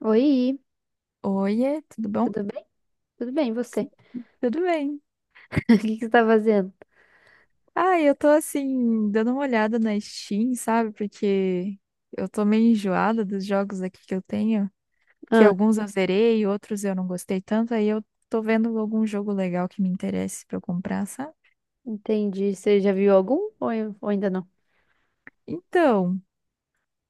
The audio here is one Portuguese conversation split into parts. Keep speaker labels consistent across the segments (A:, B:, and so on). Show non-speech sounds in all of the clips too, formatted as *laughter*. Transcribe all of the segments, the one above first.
A: Oi,
B: Oiê, tudo bom?
A: tudo bem? Tudo bem, e você?
B: Tudo bem.
A: *laughs* O que que você tá fazendo?
B: Ah, eu tô assim, dando uma olhada na Steam, sabe? Porque eu tô meio enjoada dos jogos aqui que eu tenho, que
A: Ah,
B: alguns eu zerei, outros eu não gostei tanto, aí eu tô vendo algum jogo legal que me interesse pra eu comprar, sabe?
A: entendi. Você já viu algum ou ainda não?
B: Então,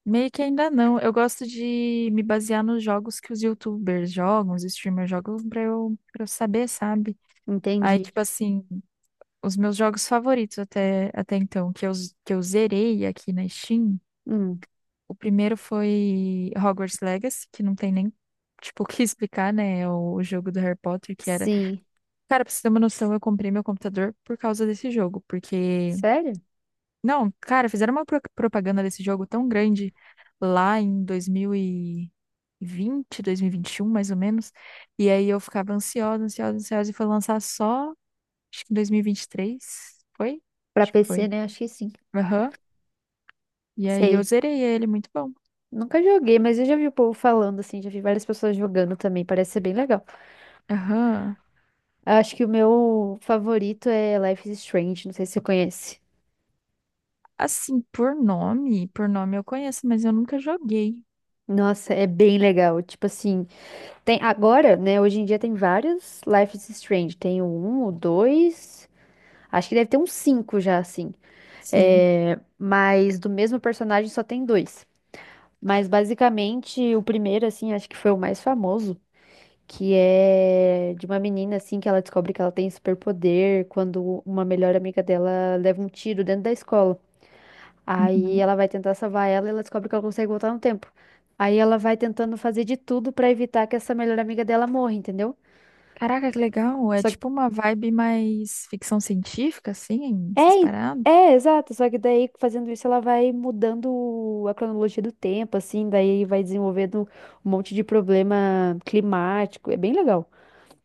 B: meio que ainda não. Eu gosto de me basear nos jogos que os YouTubers jogam, os streamers jogam, pra eu saber, sabe? Aí,
A: Entendi.
B: tipo assim, os meus jogos favoritos até então, que eu zerei aqui na Steam.
A: Hum,
B: O primeiro foi Hogwarts Legacy, que não tem nem, tipo, *laughs* o que explicar, né? É o jogo do Harry Potter, que era.
A: sim.
B: Cara, pra você ter uma noção, eu comprei meu computador por causa desse jogo, porque.
A: Sério?
B: Não, cara, fizeram uma propaganda desse jogo tão grande lá em 2020, 2021, mais ou menos. E aí eu ficava ansiosa, ansiosa, ansiosa, e foi lançar só, acho que em 2023. Foi?
A: Pra
B: Acho que
A: PC,
B: foi.
A: né? Acho que sim.
B: Aham. E aí eu
A: Sei.
B: zerei ele, muito bom.
A: Nunca joguei, mas eu já vi o povo falando assim, já vi várias pessoas jogando também, parece ser bem legal.
B: Aham.
A: Acho que o meu favorito é Life is Strange, não sei se você conhece.
B: Assim, por nome eu conheço, mas eu nunca joguei.
A: Nossa, é bem legal. Tipo assim, tem agora, né? Hoje em dia tem vários Life is Strange. Tem o 1, o 2. Acho que deve ter uns cinco já, assim.
B: Sim.
A: É, mas do mesmo personagem só tem dois. Mas basicamente o primeiro, assim, acho que foi o mais famoso, que é de uma menina, assim, que ela descobre que ela tem superpoder quando uma melhor amiga dela leva um tiro dentro da escola. Aí
B: Uhum.
A: ela vai tentar salvar ela e ela descobre que ela consegue voltar no tempo. Aí ela vai tentando fazer de tudo pra evitar que essa melhor amiga dela morra, entendeu?
B: Caraca, que legal. É
A: Só
B: tipo uma vibe mais ficção científica, assim,
A: É,
B: essas
A: en-
B: paradas.
A: é, exato. Só que daí, fazendo isso, ela vai mudando a cronologia do tempo, assim, daí vai desenvolvendo um monte de problema climático. É bem legal.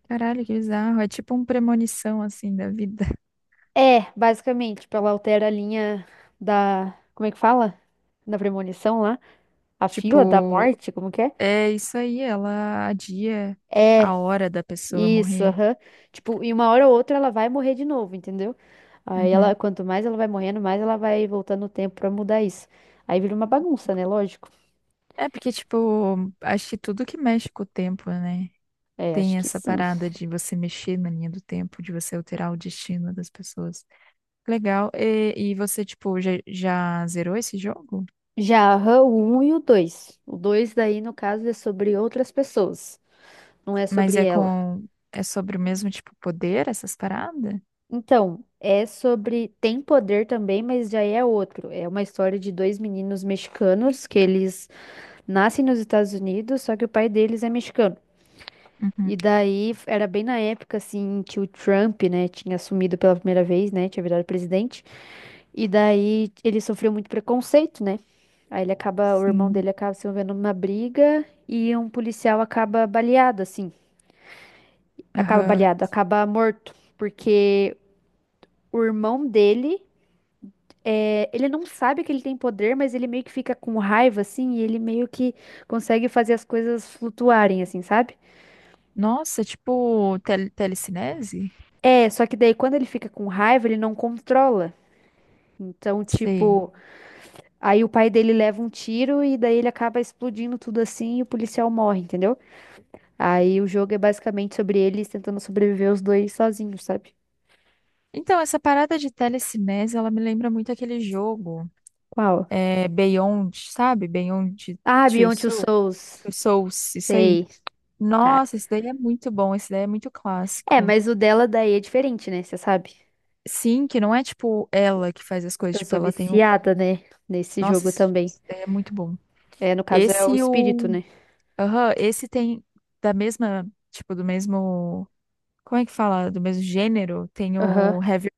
B: Caralho, que bizarro. É tipo um premonição, assim, da vida. *laughs*
A: É, basicamente, tipo, ela altera a linha da. Como é que fala? Da premonição lá? A fila da
B: Tipo,
A: morte, como que é?
B: é isso aí, ela adia
A: É,
B: a hora da pessoa
A: isso,
B: morrer.
A: aham. Tipo, em uma hora ou outra ela vai morrer de novo, entendeu? Aí
B: Uhum.
A: ela, quanto mais ela vai morrendo, mais ela vai voltando o tempo pra mudar isso. Aí vira uma bagunça, né? Lógico.
B: É porque, tipo, acho que tudo que mexe com o tempo, né?
A: É, acho
B: Tem
A: que
B: essa
A: sim.
B: parada de você mexer na linha do tempo, de você alterar o destino das pessoas. Legal. E você, tipo, já zerou esse jogo?
A: Já aham, o um e o 2. O 2 daí, no caso, é sobre outras pessoas, não é
B: Mas
A: sobre
B: é
A: ela.
B: com. É sobre o mesmo, tipo, poder, essas paradas?
A: Então, é sobre. Tem poder também, mas já é outro. É uma história de dois meninos mexicanos que eles nascem nos Estados Unidos, só que o pai deles é mexicano.
B: Uhum.
A: E daí, era bem na época, assim, que o Trump, né, tinha assumido pela primeira vez, né, tinha virado presidente. E daí ele sofreu muito preconceito, né? Aí ele acaba, o irmão
B: Sim.
A: dele acaba se envolvendo numa briga e um policial acaba baleado, assim. Acaba
B: Aham.
A: baleado, acaba morto. Porque o irmão dele, é, ele não sabe que ele tem poder, mas ele meio que fica com raiva, assim, e ele meio que consegue fazer as coisas flutuarem, assim, sabe?
B: Nossa, tipo, telecinese?
A: É, só que daí quando ele fica com raiva, ele não controla. Então,
B: Sei.
A: tipo, aí o pai dele leva um tiro e daí ele acaba explodindo tudo assim e o policial morre, entendeu? Aí o jogo é basicamente sobre eles tentando sobreviver os dois sozinhos, sabe?
B: Então, essa parada de telecinese, ela me lembra muito aquele jogo,
A: Qual?
B: é, Beyond, sabe? Beyond
A: Ah,
B: Two
A: Beyond Two
B: Soul,
A: Souls.
B: Two Souls, isso aí.
A: Sei, cara.
B: Nossa, esse daí é muito bom, esse daí é muito
A: É,
B: clássico.
A: mas o dela daí é diferente, né? Você sabe?
B: Sim, que não é tipo ela que faz as coisas,
A: Eu
B: tipo,
A: sou
B: ela tem.
A: viciada, né? Nesse
B: Nossa,
A: jogo
B: esse
A: também.
B: é muito bom.
A: É, no caso é
B: Esse
A: o
B: e
A: espírito,
B: o.
A: né?
B: Aham, esse tem da mesma. Tipo, do mesmo. Como é que fala? Do mesmo gênero? Tem
A: Aham.
B: o Heavy.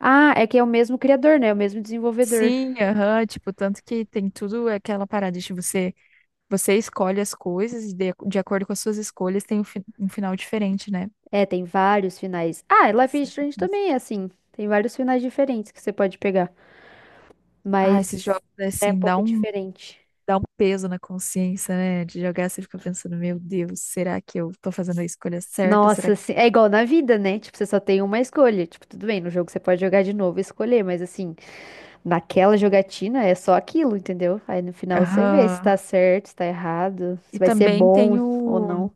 A: Ah, é que é o mesmo criador, né? É o mesmo desenvolvedor.
B: Sim, aham. Tipo, tanto que tem tudo aquela parada de você. Você escolhe as coisas e de acordo com as suas escolhas tem um final diferente, né?
A: É, tem vários finais. Ah, e Life is
B: Sim.
A: Strange
B: Mas...
A: também é assim. Tem vários finais diferentes que você pode pegar.
B: Ah, esses
A: Mas
B: jogos,
A: é um
B: assim, dá
A: pouco
B: um,
A: diferente.
B: dá um peso na consciência, né? De jogar, você fica pensando, meu Deus, será que eu tô fazendo a escolha certa? Será
A: Nossa,
B: que.
A: assim, é igual na vida, né? Tipo, você só tem uma escolha. Tipo, tudo bem, no jogo você pode jogar de novo e escolher, mas assim, naquela jogatina é só aquilo, entendeu? Aí no final você vê se
B: Aham.
A: tá certo, se tá errado, se
B: E
A: vai ser
B: também tem
A: bom ou
B: o
A: não.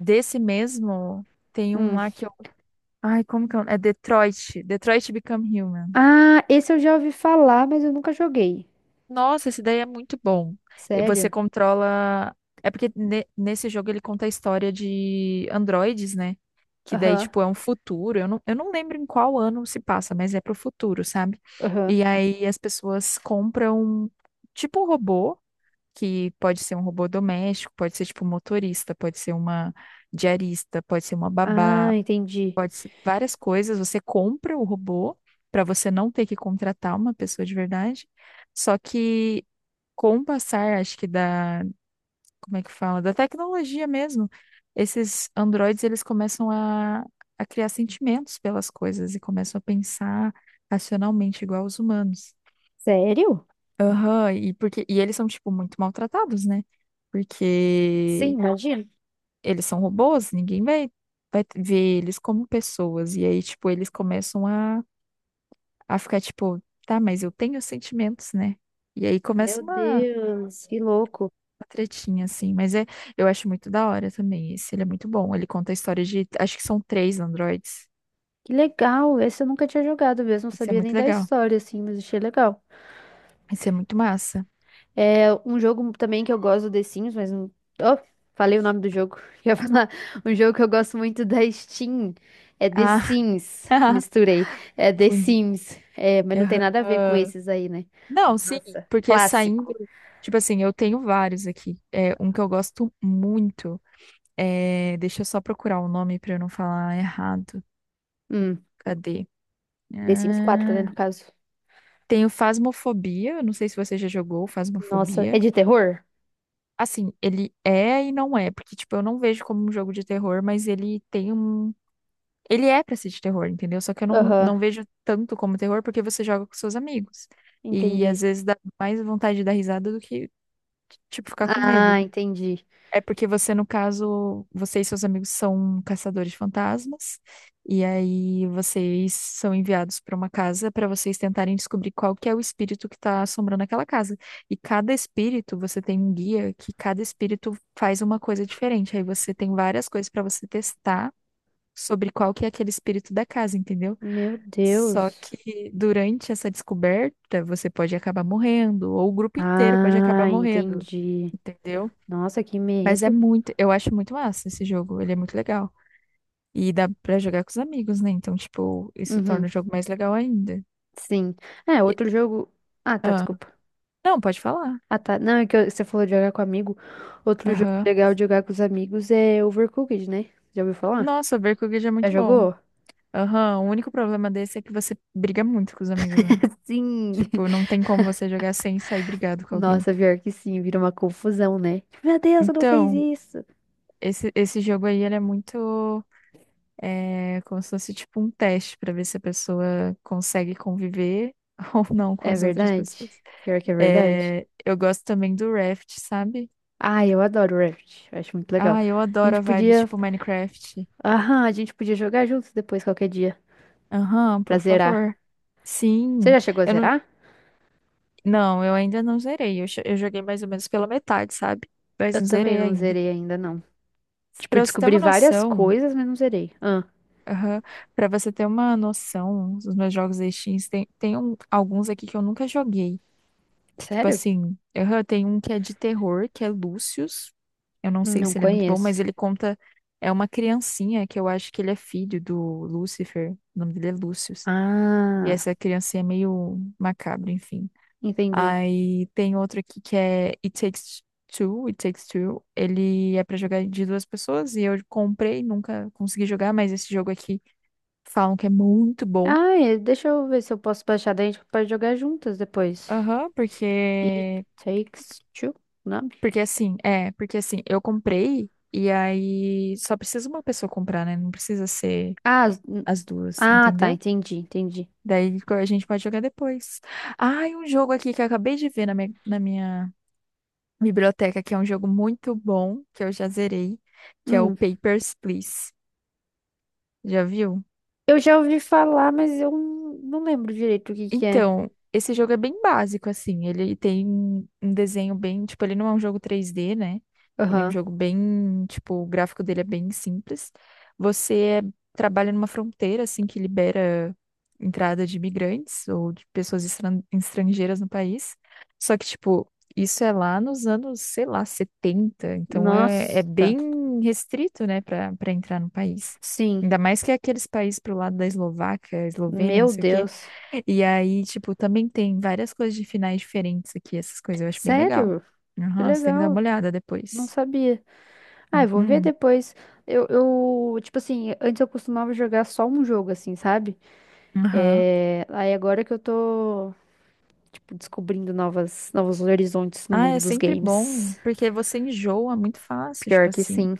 B: desse mesmo, tem um
A: Hum.
B: lá que eu, ai, como que é? É Detroit Become Human.
A: Ah, esse eu já ouvi falar, mas eu nunca joguei.
B: Nossa, esse daí é muito bom. E você
A: Sério?
B: controla, é porque nesse jogo ele conta a história de androides, né? Que daí
A: Aham,
B: tipo é um futuro. Eu não lembro em qual ano se passa, mas é pro futuro, sabe?
A: aham.
B: E aí as pessoas compram tipo um robô, que pode ser um robô doméstico, pode ser tipo um motorista, pode ser uma diarista, pode ser uma
A: Ah,
B: babá,
A: entendi.
B: pode ser várias coisas. Você compra o robô para você não ter que contratar uma pessoa de verdade. Só que com o passar, acho que da, como é que fala? Da tecnologia mesmo, esses androides eles começam a criar sentimentos pelas coisas e começam a pensar racionalmente igual os humanos.
A: Sério?
B: Aham, e porque e eles são tipo muito maltratados, né?
A: Sim,
B: Porque
A: imagina.
B: eles são robôs, ninguém vai ver eles como pessoas e aí tipo eles começam a ficar tipo, tá, mas eu tenho sentimentos, né? E aí
A: Meu
B: começa uma
A: Deus, que louco.
B: tretinha, assim. Mas é, eu acho muito da hora também. Esse, ele é muito bom. Ele conta a história de, acho que são três androides.
A: Que legal, esse eu nunca tinha jogado mesmo, não
B: Isso é
A: sabia
B: muito
A: nem da
B: legal.
A: história, assim, mas achei legal.
B: Isso é muito massa.
A: É um jogo também que eu gosto do The Sims, mas não. Oh, falei o nome do jogo. *laughs* Ia falar. Um jogo que eu gosto muito da Steam. É The
B: Ah,
A: Sims.
B: *laughs*
A: Misturei. É The
B: confundi.
A: Sims. É, mas não tem nada a ver com
B: Aham.
A: esses aí, né? Mas,
B: Não, sim,
A: nossa,
B: porque saindo,
A: clássico.
B: tipo assim, eu tenho vários aqui. É, um que eu gosto muito é, deixa eu só procurar o nome pra eu não falar errado.
A: Hum,
B: Cadê?
A: The Sims 4, né, no
B: Ah.
A: caso.
B: Tenho Phasmophobia, não sei se você já jogou
A: Nossa, é
B: Phasmophobia.
A: de terror?
B: Assim, ele é e não é, porque, tipo, eu não vejo como um jogo de terror, mas ele tem um. Ele é pra ser de terror, entendeu? Só que eu não,
A: Aham,
B: não vejo tanto como terror porque você joga com seus amigos. E às
A: entendi.
B: vezes dá mais vontade de dar risada do que, tipo, ficar com medo.
A: Ah, entendi.
B: É porque você, no caso, você e seus amigos são caçadores de fantasmas, e aí vocês são enviados para uma casa para vocês tentarem descobrir qual que é o espírito que está assombrando aquela casa. E cada espírito, você tem um guia que cada espírito faz uma coisa diferente. Aí você tem várias coisas para você testar sobre qual que é aquele espírito da casa, entendeu?
A: Meu
B: Só
A: Deus.
B: que durante essa descoberta, você pode acabar morrendo, ou o grupo inteiro pode acabar
A: Ah,
B: morrendo,
A: entendi.
B: entendeu?
A: Nossa, que
B: Mas é
A: medo.
B: muito, eu acho muito massa esse jogo, ele é muito legal. E dá pra jogar com os amigos, né? Então, tipo, isso torna
A: Uhum,
B: o jogo mais legal ainda.
A: sim. É,
B: E-
A: outro jogo. Ah, tá,
B: Ah,
A: desculpa.
B: não, pode falar.
A: Ah, tá. Não, é que você falou de jogar com amigo. Outro jogo
B: Aham.
A: legal de jogar com os amigos é Overcooked, né? Já ouviu falar?
B: Nossa, Berkugid é
A: Já
B: muito bom.
A: jogou?
B: Aham, o único problema desse é que você briga muito com os amigos, né?
A: Sim!
B: Tipo, não
A: *laughs*
B: tem como você jogar sem sair brigado com alguém.
A: Nossa, pior que sim, vira uma confusão, né? Tipo, meu Deus, você não fez
B: Então,
A: isso!
B: esse jogo aí, ele é muito, é, como se fosse, tipo, um teste pra ver se a pessoa consegue conviver *laughs* ou não com
A: É
B: as outras
A: verdade?
B: pessoas.
A: Pior que é verdade?
B: É, eu gosto também do Raft, sabe?
A: Ah, eu adoro Raft. Eu acho muito legal.
B: Ah, eu
A: A
B: adoro a
A: gente
B: vibe
A: podia.
B: tipo Minecraft.
A: Aham, a gente podia jogar juntos depois, qualquer dia,
B: Aham,
A: pra
B: por
A: zerar.
B: favor.
A: Você
B: Sim.
A: já chegou a
B: Eu não,
A: zerar?
B: não, eu ainda não zerei. Eu joguei mais ou menos pela metade, sabe? Mas
A: Eu
B: não
A: também
B: zerei
A: não
B: ainda.
A: zerei ainda, não. Tipo, eu
B: Pra você ter
A: descobri
B: uma
A: várias
B: noção,
A: coisas, mas não zerei. Ah,
B: aham, pra você ter uma noção, os meus jogos da Steam, tem alguns aqui que eu nunca joguei. Tipo
A: sério?
B: assim, aham, tem um que é de terror, que é Lúcius. Eu não sei
A: Não
B: se ele é muito bom,
A: conheço.
B: mas ele conta. É uma criancinha que eu acho que ele é filho do Lúcifer. O nome dele é Lúcius. E
A: Ah,
B: essa criancinha é meio macabra, enfim.
A: entendi.
B: Aí tem outro aqui que é It Takes Two. Ele é pra jogar de duas pessoas e eu comprei, nunca consegui jogar, mas esse jogo aqui falam que é muito bom.
A: Ah, é, deixa eu ver se eu posso baixar daí a gente pode jogar juntas depois.
B: Aham.
A: It
B: porque
A: Takes Two, não?
B: Porque assim, é, porque assim, eu comprei e aí só precisa uma pessoa comprar, né? Não precisa ser
A: Ah,
B: as duas,
A: ah, tá,
B: entendeu?
A: entendi, entendi.
B: Daí a gente pode jogar depois. Ah, e um jogo aqui que eu acabei de ver na minha biblioteca, que é um jogo muito bom, que eu já zerei, que é o
A: Hum,
B: Papers, Please. Já viu?
A: eu já ouvi falar, mas eu não lembro direito o que que é.
B: Então, esse jogo é bem básico, assim. Ele tem um desenho bem. Tipo, ele não é um jogo 3D, né? Ele é um
A: Aham.
B: jogo bem. Tipo, o gráfico dele é bem simples. Você trabalha numa fronteira, assim, que libera entrada de imigrantes ou de pessoas estrangeiras no país. Só que, tipo, isso é lá nos anos, sei lá, 70. Então, é
A: Nossa,
B: bem restrito, né, para entrar no país.
A: sim.
B: Ainda mais que é aqueles países pro lado da Eslováquia, Eslovênia, não
A: Meu
B: sei o quê,
A: Deus.
B: e aí, tipo, também tem várias coisas de finais diferentes aqui, essas coisas eu acho bem legal.
A: Sério? Que
B: Aham, você tem que dar
A: legal,
B: uma olhada
A: não
B: depois.
A: sabia. Ah, eu vou ver
B: Uhum,
A: depois. Eu, tipo assim, antes eu costumava jogar só um jogo, assim, sabe?
B: aham.
A: É. Aí agora que eu tô. Tipo, descobrindo novos horizontes no
B: Ah,
A: mundo
B: é
A: dos
B: sempre bom,
A: games.
B: porque você enjoa muito fácil,
A: Pior
B: tipo
A: que
B: assim.
A: sim.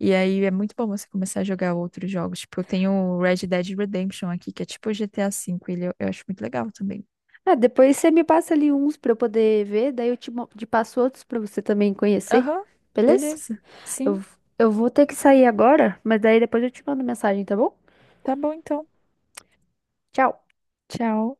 B: E aí é muito bom você começar a jogar outros jogos. Tipo, eu tenho o Red Dead Redemption aqui, que é tipo o GTA V, eu acho muito legal também.
A: Ah, depois você me passa ali uns pra eu poder ver, daí eu te, te passo outros pra você também conhecer,
B: Aham,
A: beleza?
B: beleza.
A: Eu,
B: Sim,
A: eu vou ter que sair agora, mas daí depois eu te mando mensagem, tá bom?
B: tá bom então.
A: Tchau!
B: Tchau.